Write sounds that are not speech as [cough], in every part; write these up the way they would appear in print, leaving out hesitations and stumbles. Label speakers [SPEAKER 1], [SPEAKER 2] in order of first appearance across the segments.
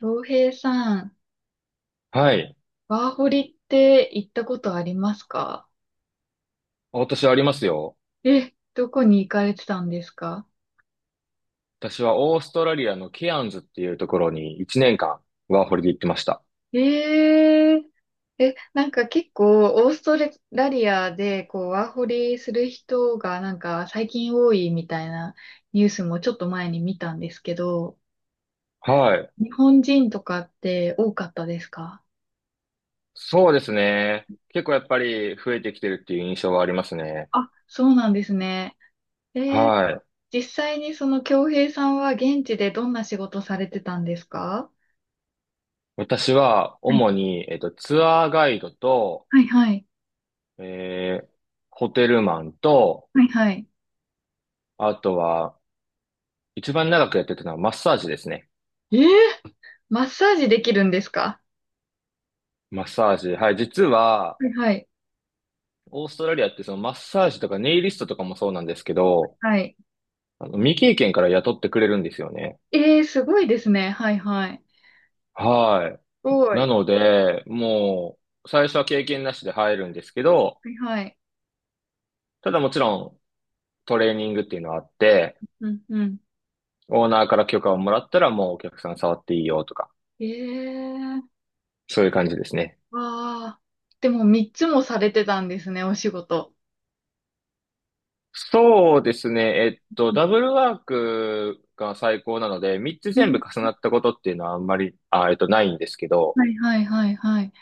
[SPEAKER 1] 洋平さん、
[SPEAKER 2] はい。
[SPEAKER 1] ワーホリって行ったことありますか？
[SPEAKER 2] 私はありますよ。
[SPEAKER 1] え、どこに行かれてたんですか？
[SPEAKER 2] 私はオーストラリアのケアンズっていうところに1年間ワーホリで行ってました。
[SPEAKER 1] えー、なんか結構オーストラリアでこうワーホリする人がなんか最近多いみたいなニュースもちょっと前に見たんですけど、
[SPEAKER 2] はい。
[SPEAKER 1] 日本人とかって多かったですか？
[SPEAKER 2] そうですね。結構やっぱり増えてきてるっていう印象はありますね。
[SPEAKER 1] あ、そうなんですね。えー、
[SPEAKER 2] はい。
[SPEAKER 1] 実際にその京平さんは現地でどんな仕事されてたんですか？
[SPEAKER 2] 私は
[SPEAKER 1] はい
[SPEAKER 2] 主に、ツアーガイドと、
[SPEAKER 1] はいはい。
[SPEAKER 2] えー、ホテルマンと、
[SPEAKER 1] はいはい。
[SPEAKER 2] あとは一番長くやってたのはマッサージですね。
[SPEAKER 1] ええ、マッサージできるんですか？
[SPEAKER 2] マッサージ。はい。実は、
[SPEAKER 1] はいはい。
[SPEAKER 2] オーストラリアってそのマッサージとかネイリストとかもそうなんですけど、
[SPEAKER 1] はい。
[SPEAKER 2] 未経験から雇ってくれるんですよね。
[SPEAKER 1] ええ、すごいですね。はいはい。す
[SPEAKER 2] はい。
[SPEAKER 1] ご
[SPEAKER 2] な
[SPEAKER 1] い。
[SPEAKER 2] の
[SPEAKER 1] は
[SPEAKER 2] で、もう、最初は経験なしで入るんですけど、
[SPEAKER 1] いはい。
[SPEAKER 2] ただもちろん、トレーニングっていうのはあって、
[SPEAKER 1] うんうん。
[SPEAKER 2] オーナーから許可をもらったらもうお客さん触っていいよとか、
[SPEAKER 1] ええ、
[SPEAKER 2] そういう感じですね。
[SPEAKER 1] わあ。でも3つもされてたんですね、お仕事。
[SPEAKER 2] そうですね。ダブルワークが最高なので、3つ
[SPEAKER 1] う
[SPEAKER 2] 全部
[SPEAKER 1] ん。
[SPEAKER 2] 重なったことっていうのはあんまり、ないんですけど、
[SPEAKER 1] はいはいはいはい。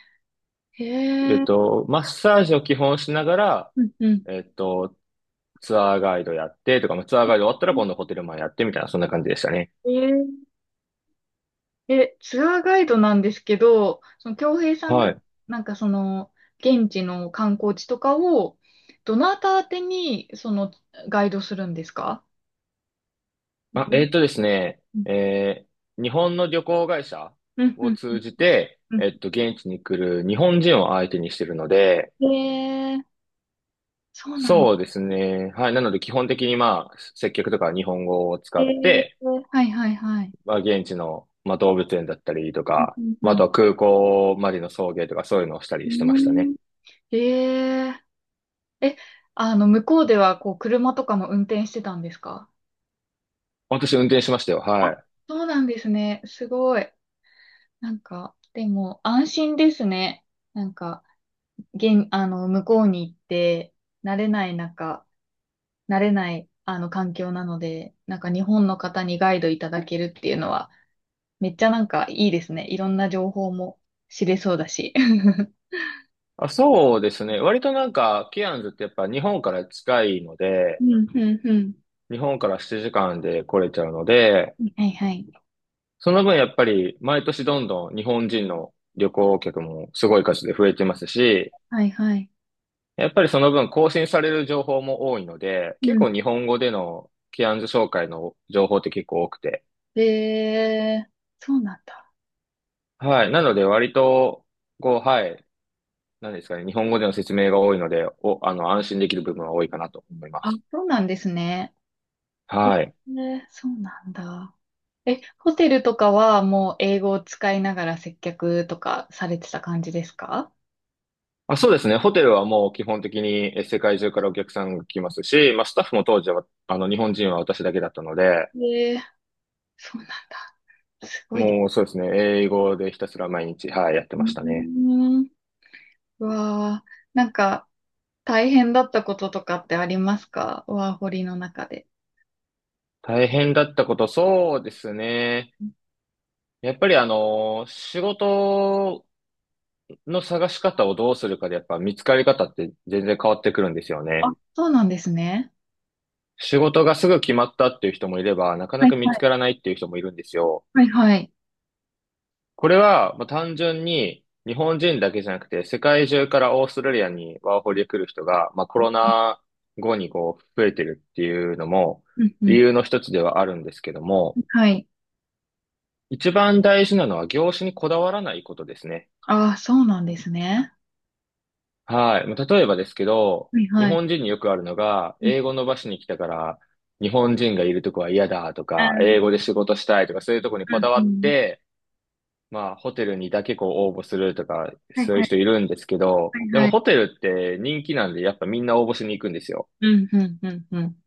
[SPEAKER 1] へえ。
[SPEAKER 2] マッサージを基本しながら、
[SPEAKER 1] うんうん。
[SPEAKER 2] えっと、ツアーガイドやってとか、まあ、ツアーガイド終わったら今度ホテルマンやってみたいな、そんな感じでしたね。
[SPEAKER 1] えー、ツアーガイドなんですけど、その京平さんが、
[SPEAKER 2] はい。
[SPEAKER 1] なんかその、現地の観光地とかを、どなた宛てに、その、ガイドするんですか？
[SPEAKER 2] あ、
[SPEAKER 1] うん
[SPEAKER 2] えっとですね、えー日本の旅行会社
[SPEAKER 1] うん、う
[SPEAKER 2] を
[SPEAKER 1] ん、
[SPEAKER 2] 通じて、
[SPEAKER 1] うん。
[SPEAKER 2] 現地に来る日本人を相手にしてるので、
[SPEAKER 1] えー、そうなんだ。
[SPEAKER 2] そうですね。はい。なので、基本的にまあ、接客とかは日本語を使
[SPEAKER 1] え
[SPEAKER 2] っ
[SPEAKER 1] ー、
[SPEAKER 2] て、
[SPEAKER 1] はいはいはい。
[SPEAKER 2] まあ、現地の、まあ、動物園だったりとか、
[SPEAKER 1] うん、
[SPEAKER 2] ま
[SPEAKER 1] う
[SPEAKER 2] あ、あ
[SPEAKER 1] ん、
[SPEAKER 2] とは空港までの送迎とかそういうのをした
[SPEAKER 1] う
[SPEAKER 2] りしてました
[SPEAKER 1] ん。う
[SPEAKER 2] ね。
[SPEAKER 1] ん。えー、え、あの、向こうでは、こう、車とかも運転してたんですか？
[SPEAKER 2] 私運転しましたよ。
[SPEAKER 1] あ、
[SPEAKER 2] はい。
[SPEAKER 1] そうなんですね。すごい。なんか、でも、安心ですね。なんか、現、あの、向こうに行って、慣れない中、慣れない、環境なので、なんか、日本の方にガイドいただけるっていうのは、めっちゃなんかいいですね。いろんな情報も知れそうだし。[laughs]
[SPEAKER 2] あ、そうですね。割となんか、ケアンズってやっぱ日本から近いの
[SPEAKER 1] う
[SPEAKER 2] で、
[SPEAKER 1] ん、うん、うん。
[SPEAKER 2] 日本から7時間で来れちゃうので、
[SPEAKER 1] はいはい。
[SPEAKER 2] その分やっぱり毎年どんどん日本人の旅行客もすごい数で増えてますし、
[SPEAKER 1] はいはい。
[SPEAKER 2] やっぱりその分更新される情報も多いので、
[SPEAKER 1] う
[SPEAKER 2] 結
[SPEAKER 1] ん
[SPEAKER 2] 構日本語でのケアンズ紹介の情報って結構多くて。
[SPEAKER 1] えー、そうなんだ。
[SPEAKER 2] はい。なので割と、こう、はい。何ですかね。日本語での説明が多いので、お、あの、安心できる部分は多いかなと思いま
[SPEAKER 1] あ、
[SPEAKER 2] す。
[SPEAKER 1] そうなんですね。
[SPEAKER 2] はい。
[SPEAKER 1] えーそうなんだ。え、ホテルとかはもう英語を使いながら接客とかされてた感じですか？
[SPEAKER 2] あ、そうですね。ホテルはもう基本的にえ世界中からお客さんが来ますし、まあ、スタッフも当時は、日本人は私だけだったので、
[SPEAKER 1] えー、そうなんだ。すごいです。
[SPEAKER 2] もうそうですね。英語でひたすら毎日、はい、やって
[SPEAKER 1] うー
[SPEAKER 2] ましたね。
[SPEAKER 1] ん。うわー、なんか大変だったこととかってありますか、ワーホリの中で？
[SPEAKER 2] 大変だったこと、そうですね。やっぱりあの、仕事の探し方をどうするかで、やっぱ見つかり方って全然変わってくるんですよ
[SPEAKER 1] あ、
[SPEAKER 2] ね。
[SPEAKER 1] そうなんですね。
[SPEAKER 2] 仕事がすぐ決まったっていう人もいれば、なかな
[SPEAKER 1] は
[SPEAKER 2] か
[SPEAKER 1] い
[SPEAKER 2] 見
[SPEAKER 1] は
[SPEAKER 2] つ
[SPEAKER 1] い。
[SPEAKER 2] からないっていう人もいるんですよ。
[SPEAKER 1] はいはい。
[SPEAKER 2] これは、まあ、単純に日本人だけじゃなくて、世界中からオーストラリアにワーホリで来る人が、まあ、コロナ後にこう増えてるっていうのも
[SPEAKER 1] うんう
[SPEAKER 2] 理
[SPEAKER 1] ん。
[SPEAKER 2] 由の一つではあるんですけども、
[SPEAKER 1] はい。
[SPEAKER 2] 一番大事なのは業種にこだわらないことですね。
[SPEAKER 1] ああ、そうなんですね。
[SPEAKER 2] はい。まあ、例えばですけど、
[SPEAKER 1] はい
[SPEAKER 2] 日
[SPEAKER 1] はい。
[SPEAKER 2] 本人によくあるのが、
[SPEAKER 1] うん、
[SPEAKER 2] 英語伸ばしに来たから、日本人がいるとこは嫌だと
[SPEAKER 1] あ
[SPEAKER 2] か、
[SPEAKER 1] ー、
[SPEAKER 2] 英語で仕事したいとか、そういうとこに
[SPEAKER 1] う
[SPEAKER 2] こ
[SPEAKER 1] ん
[SPEAKER 2] だわ
[SPEAKER 1] う
[SPEAKER 2] っ
[SPEAKER 1] ん。
[SPEAKER 2] て、まあ、ホテルにだけこう応募するとか、
[SPEAKER 1] はい
[SPEAKER 2] そういう
[SPEAKER 1] はい。
[SPEAKER 2] 人いるんですけど、で
[SPEAKER 1] はいは
[SPEAKER 2] も
[SPEAKER 1] い。
[SPEAKER 2] ホテルって人気なんで、やっぱみんな応募しに行くんですよ。
[SPEAKER 1] うんうんうんうん。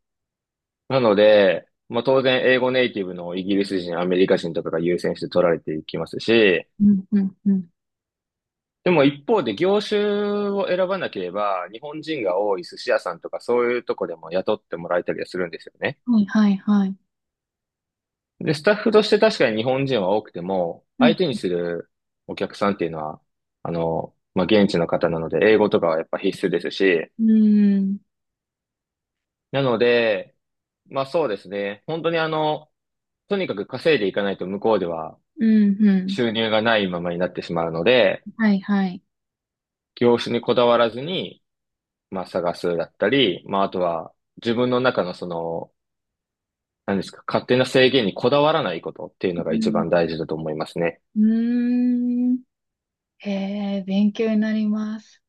[SPEAKER 2] なので、まあ当然英語ネイティブのイギリス人、アメリカ人とかが優先して取られていきますし、
[SPEAKER 1] うんうんうん。
[SPEAKER 2] でも一方で業種を選ばなければ、日本人が多い寿司屋さんとかそういうとこでも雇ってもらえたりはするんですよね。
[SPEAKER 1] はいはいはい。
[SPEAKER 2] で、スタッフとして確かに日本人は多くても、
[SPEAKER 1] うん。
[SPEAKER 2] 相手にするお客さんっていうのは、まあ現地の方なので、英語とかはやっぱ必須ですし、
[SPEAKER 1] うーん。
[SPEAKER 2] なので、まあそうですね。本当にあの、とにかく稼いでいかないと向こうでは
[SPEAKER 1] うんうん。
[SPEAKER 2] 収入がないままになってしまうので、
[SPEAKER 1] はいはい。
[SPEAKER 2] 業種にこだわらずに、まあ探すだったり、まああとは自分の中のその、何ですか、勝手な制限にこだわらないことっていうの
[SPEAKER 1] う
[SPEAKER 2] が一
[SPEAKER 1] ん。
[SPEAKER 2] 番大事だと思いますね。
[SPEAKER 1] うーん。へえ、勉強になります。す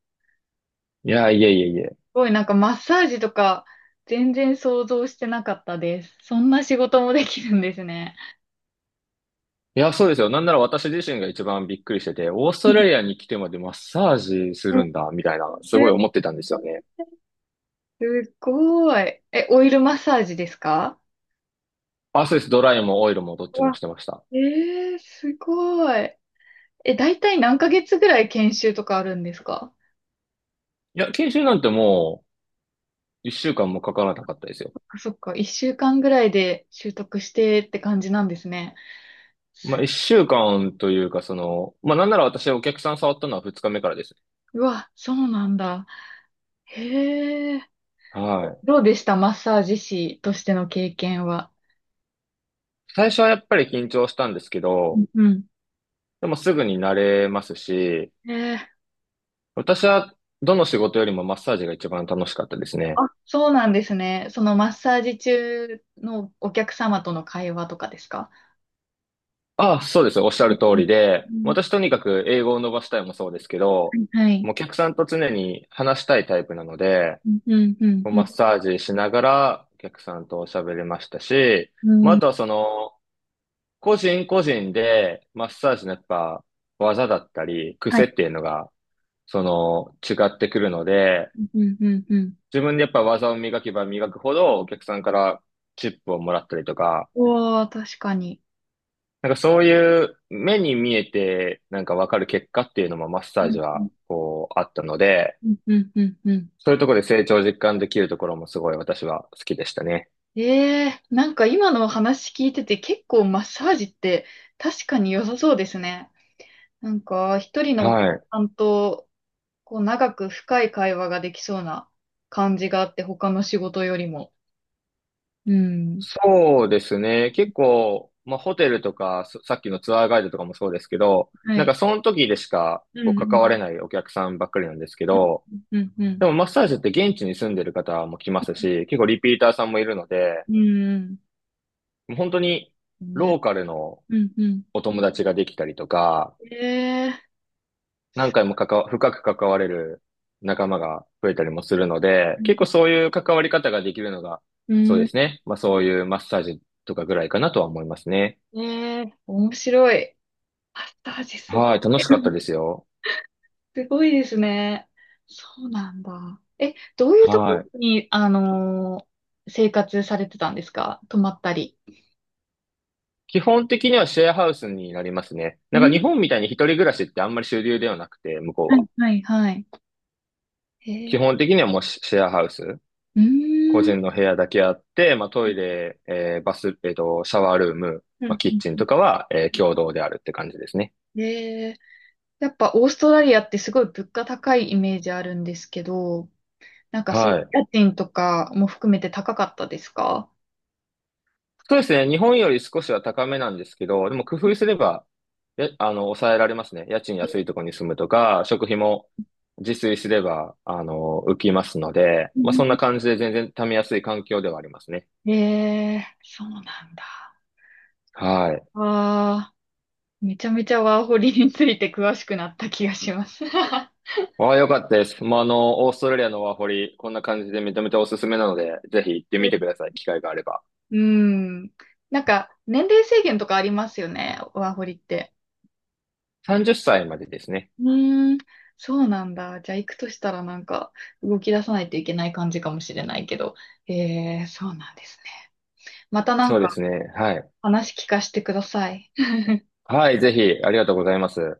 [SPEAKER 2] いや、いえいえいえ。
[SPEAKER 1] ごい、なんかマッサージとか全然想像してなかったです。そんな仕事もできるんですね。
[SPEAKER 2] いや、そうですよ。なんなら私自身が一番びっくりしてて、オース
[SPEAKER 1] う
[SPEAKER 2] トラリアに来てまでマッサージす
[SPEAKER 1] んうん、
[SPEAKER 2] るんだ、みたいな、すごい思ってたんですよね。
[SPEAKER 1] すごい。え、オイルマッサージですか？
[SPEAKER 2] あ、そうです。ドライもオイルもどっ
[SPEAKER 1] う
[SPEAKER 2] ちも
[SPEAKER 1] わ、
[SPEAKER 2] してました。
[SPEAKER 1] えすごい。え、だいたい何ヶ月ぐらい研修とかあるんですか？
[SPEAKER 2] いや、研修なんてもう、一週間もかからなかったですよ。
[SPEAKER 1] あ、そっか。一週間ぐらいで習得してって感じなんですね。
[SPEAKER 2] まあ、
[SPEAKER 1] す
[SPEAKER 2] 一週間というか、その、まあ、なんなら私お客さん触ったのは二日目からです。
[SPEAKER 1] うわ、そうなんだ。へえ。
[SPEAKER 2] はい。
[SPEAKER 1] どうでした、マッサージ師としての経験は？
[SPEAKER 2] 最初はやっぱり緊張したんですけ
[SPEAKER 1] うん
[SPEAKER 2] ど、
[SPEAKER 1] うん。
[SPEAKER 2] でもすぐに慣れますし、
[SPEAKER 1] えー、
[SPEAKER 2] 私はどの仕事よりもマッサージが一番楽しかったですね。
[SPEAKER 1] あ、そうなんですね。そのマッサージ中のお客様との会話とかですか？
[SPEAKER 2] ああ、そうです。おっしゃる通りで、
[SPEAKER 1] うん
[SPEAKER 2] 私とにかく英語を伸ばしたいもそうですけ
[SPEAKER 1] う
[SPEAKER 2] ど、
[SPEAKER 1] ん、はい。
[SPEAKER 2] もうお客さんと常に話したいタイプなので、
[SPEAKER 1] うん、うん、うん、
[SPEAKER 2] もう
[SPEAKER 1] う
[SPEAKER 2] マッ
[SPEAKER 1] ん、
[SPEAKER 2] サージしながらお客さんと喋れましたし、
[SPEAKER 1] う
[SPEAKER 2] まあ、
[SPEAKER 1] ん、
[SPEAKER 2] あとはその、個人個人でマッサージのやっぱ技だったり、
[SPEAKER 1] は
[SPEAKER 2] 癖っ
[SPEAKER 1] い。
[SPEAKER 2] ていうのが、その、違ってくるので、
[SPEAKER 1] うん、うん、うん。
[SPEAKER 2] 自分でやっぱ技を磨けば磨くほどお客さんからチップをもらったりとか、
[SPEAKER 1] うわー、確かに。
[SPEAKER 2] なんかそういう目に見えてなんかわかる結果っていうのもマッサ
[SPEAKER 1] う
[SPEAKER 2] ー
[SPEAKER 1] ん、
[SPEAKER 2] ジ
[SPEAKER 1] う
[SPEAKER 2] はこうあったので、
[SPEAKER 1] ん、うん、うん、うん。
[SPEAKER 2] そういうところで成長実感できるところもすごい私は好きでしたね。
[SPEAKER 1] ええー、なんか今の話聞いてて結構マッサージって確かに良さそうですね。なんか一人のお
[SPEAKER 2] は
[SPEAKER 1] 客
[SPEAKER 2] い。
[SPEAKER 1] さんとこう長く深い会話ができそうな感じがあって他の仕事よりも。うん。
[SPEAKER 2] そうですね。結構、まあ、ホテルとか、さっきのツアーガイドとかもそうですけど、
[SPEAKER 1] は
[SPEAKER 2] なんか
[SPEAKER 1] い。
[SPEAKER 2] その時でしか
[SPEAKER 1] う
[SPEAKER 2] こう
[SPEAKER 1] ん、う
[SPEAKER 2] 関わ
[SPEAKER 1] ん。
[SPEAKER 2] れないお客さんばっかりなんですけ
[SPEAKER 1] う
[SPEAKER 2] ど、
[SPEAKER 1] ん、うん、うん。
[SPEAKER 2] でもマッサージって現地に住んでる方も来ますし、結構リピーターさんもいるので、
[SPEAKER 1] うん、
[SPEAKER 2] もう本当に
[SPEAKER 1] うん。
[SPEAKER 2] ロ
[SPEAKER 1] ね。
[SPEAKER 2] ーカルの
[SPEAKER 1] うん、うん。
[SPEAKER 2] お友達ができたりとか、
[SPEAKER 1] ええ
[SPEAKER 2] 何回も関わ、深く関われる仲間が増えたりもするので、
[SPEAKER 1] ー。うん、
[SPEAKER 2] 結構そういう関わり方ができるのが、
[SPEAKER 1] う
[SPEAKER 2] そうで
[SPEAKER 1] ん。
[SPEAKER 2] すね。まあそういうマッサージとかぐらいかなとは思いますね。
[SPEAKER 1] ねえ、面白い。パスタ味すご
[SPEAKER 2] は
[SPEAKER 1] い。
[SPEAKER 2] い、楽しかった
[SPEAKER 1] [laughs]
[SPEAKER 2] ですよ。
[SPEAKER 1] すごいですね。そうなんだ。え、どういうとこ
[SPEAKER 2] は
[SPEAKER 1] ろ
[SPEAKER 2] い。
[SPEAKER 1] に、生活されてたんですか？泊まったり。
[SPEAKER 2] 基本的にはシェアハウスになりますね。なん
[SPEAKER 1] う
[SPEAKER 2] か
[SPEAKER 1] ん。
[SPEAKER 2] 日本みたいに一人暮らしってあんまり主流ではなくて、向こう
[SPEAKER 1] は
[SPEAKER 2] は。
[SPEAKER 1] い、はい、はい。へ
[SPEAKER 2] 基
[SPEAKER 1] え。
[SPEAKER 2] 本的にはもうシェアハウス。
[SPEAKER 1] う
[SPEAKER 2] 個
[SPEAKER 1] ーん。
[SPEAKER 2] 人の部屋だけあって、まあトイレ、バス、シャワールーム、
[SPEAKER 1] う
[SPEAKER 2] まあ
[SPEAKER 1] ん
[SPEAKER 2] キッチン
[SPEAKER 1] う
[SPEAKER 2] と
[SPEAKER 1] ん。
[SPEAKER 2] かは、共同であるって感じですね。
[SPEAKER 1] へえ。やっぱオーストラリアってすごい物価高いイメージあるんですけど、なんかそうい
[SPEAKER 2] は
[SPEAKER 1] う
[SPEAKER 2] い。
[SPEAKER 1] 家賃とかも含めて高かったですか？
[SPEAKER 2] そうですね。日本より少しは高めなんですけど、でも工夫すれば、や、あの、抑えられますね。家賃安いところに住むとか、食費も自炊すれば、浮きますので、
[SPEAKER 1] う
[SPEAKER 2] まあ、
[SPEAKER 1] ん。
[SPEAKER 2] そんな感じで全然貯めやすい環境ではありますね。
[SPEAKER 1] へえ、そうなんだ。
[SPEAKER 2] はい。
[SPEAKER 1] ああ。めちゃめちゃワーホリについて詳しくなった気がします。[laughs]
[SPEAKER 2] ああ、よかったです。まあ、オーストラリアのワーホリ、こんな感じで認めておすすめなので、ぜひ行ってみてください。機会があれば。
[SPEAKER 1] うん。なんか、年齢制限とかありますよね、ワーホリって。
[SPEAKER 2] 30歳までですね。
[SPEAKER 1] うーん。そうなんだ。じゃあ行くとしたらなんか動き出さないといけない感じかもしれないけど。そうなんですね。またな
[SPEAKER 2] そ
[SPEAKER 1] ん
[SPEAKER 2] う
[SPEAKER 1] か
[SPEAKER 2] ですね。はい。
[SPEAKER 1] 話聞かせてください。
[SPEAKER 2] はい、ぜひ、ありがとうございます。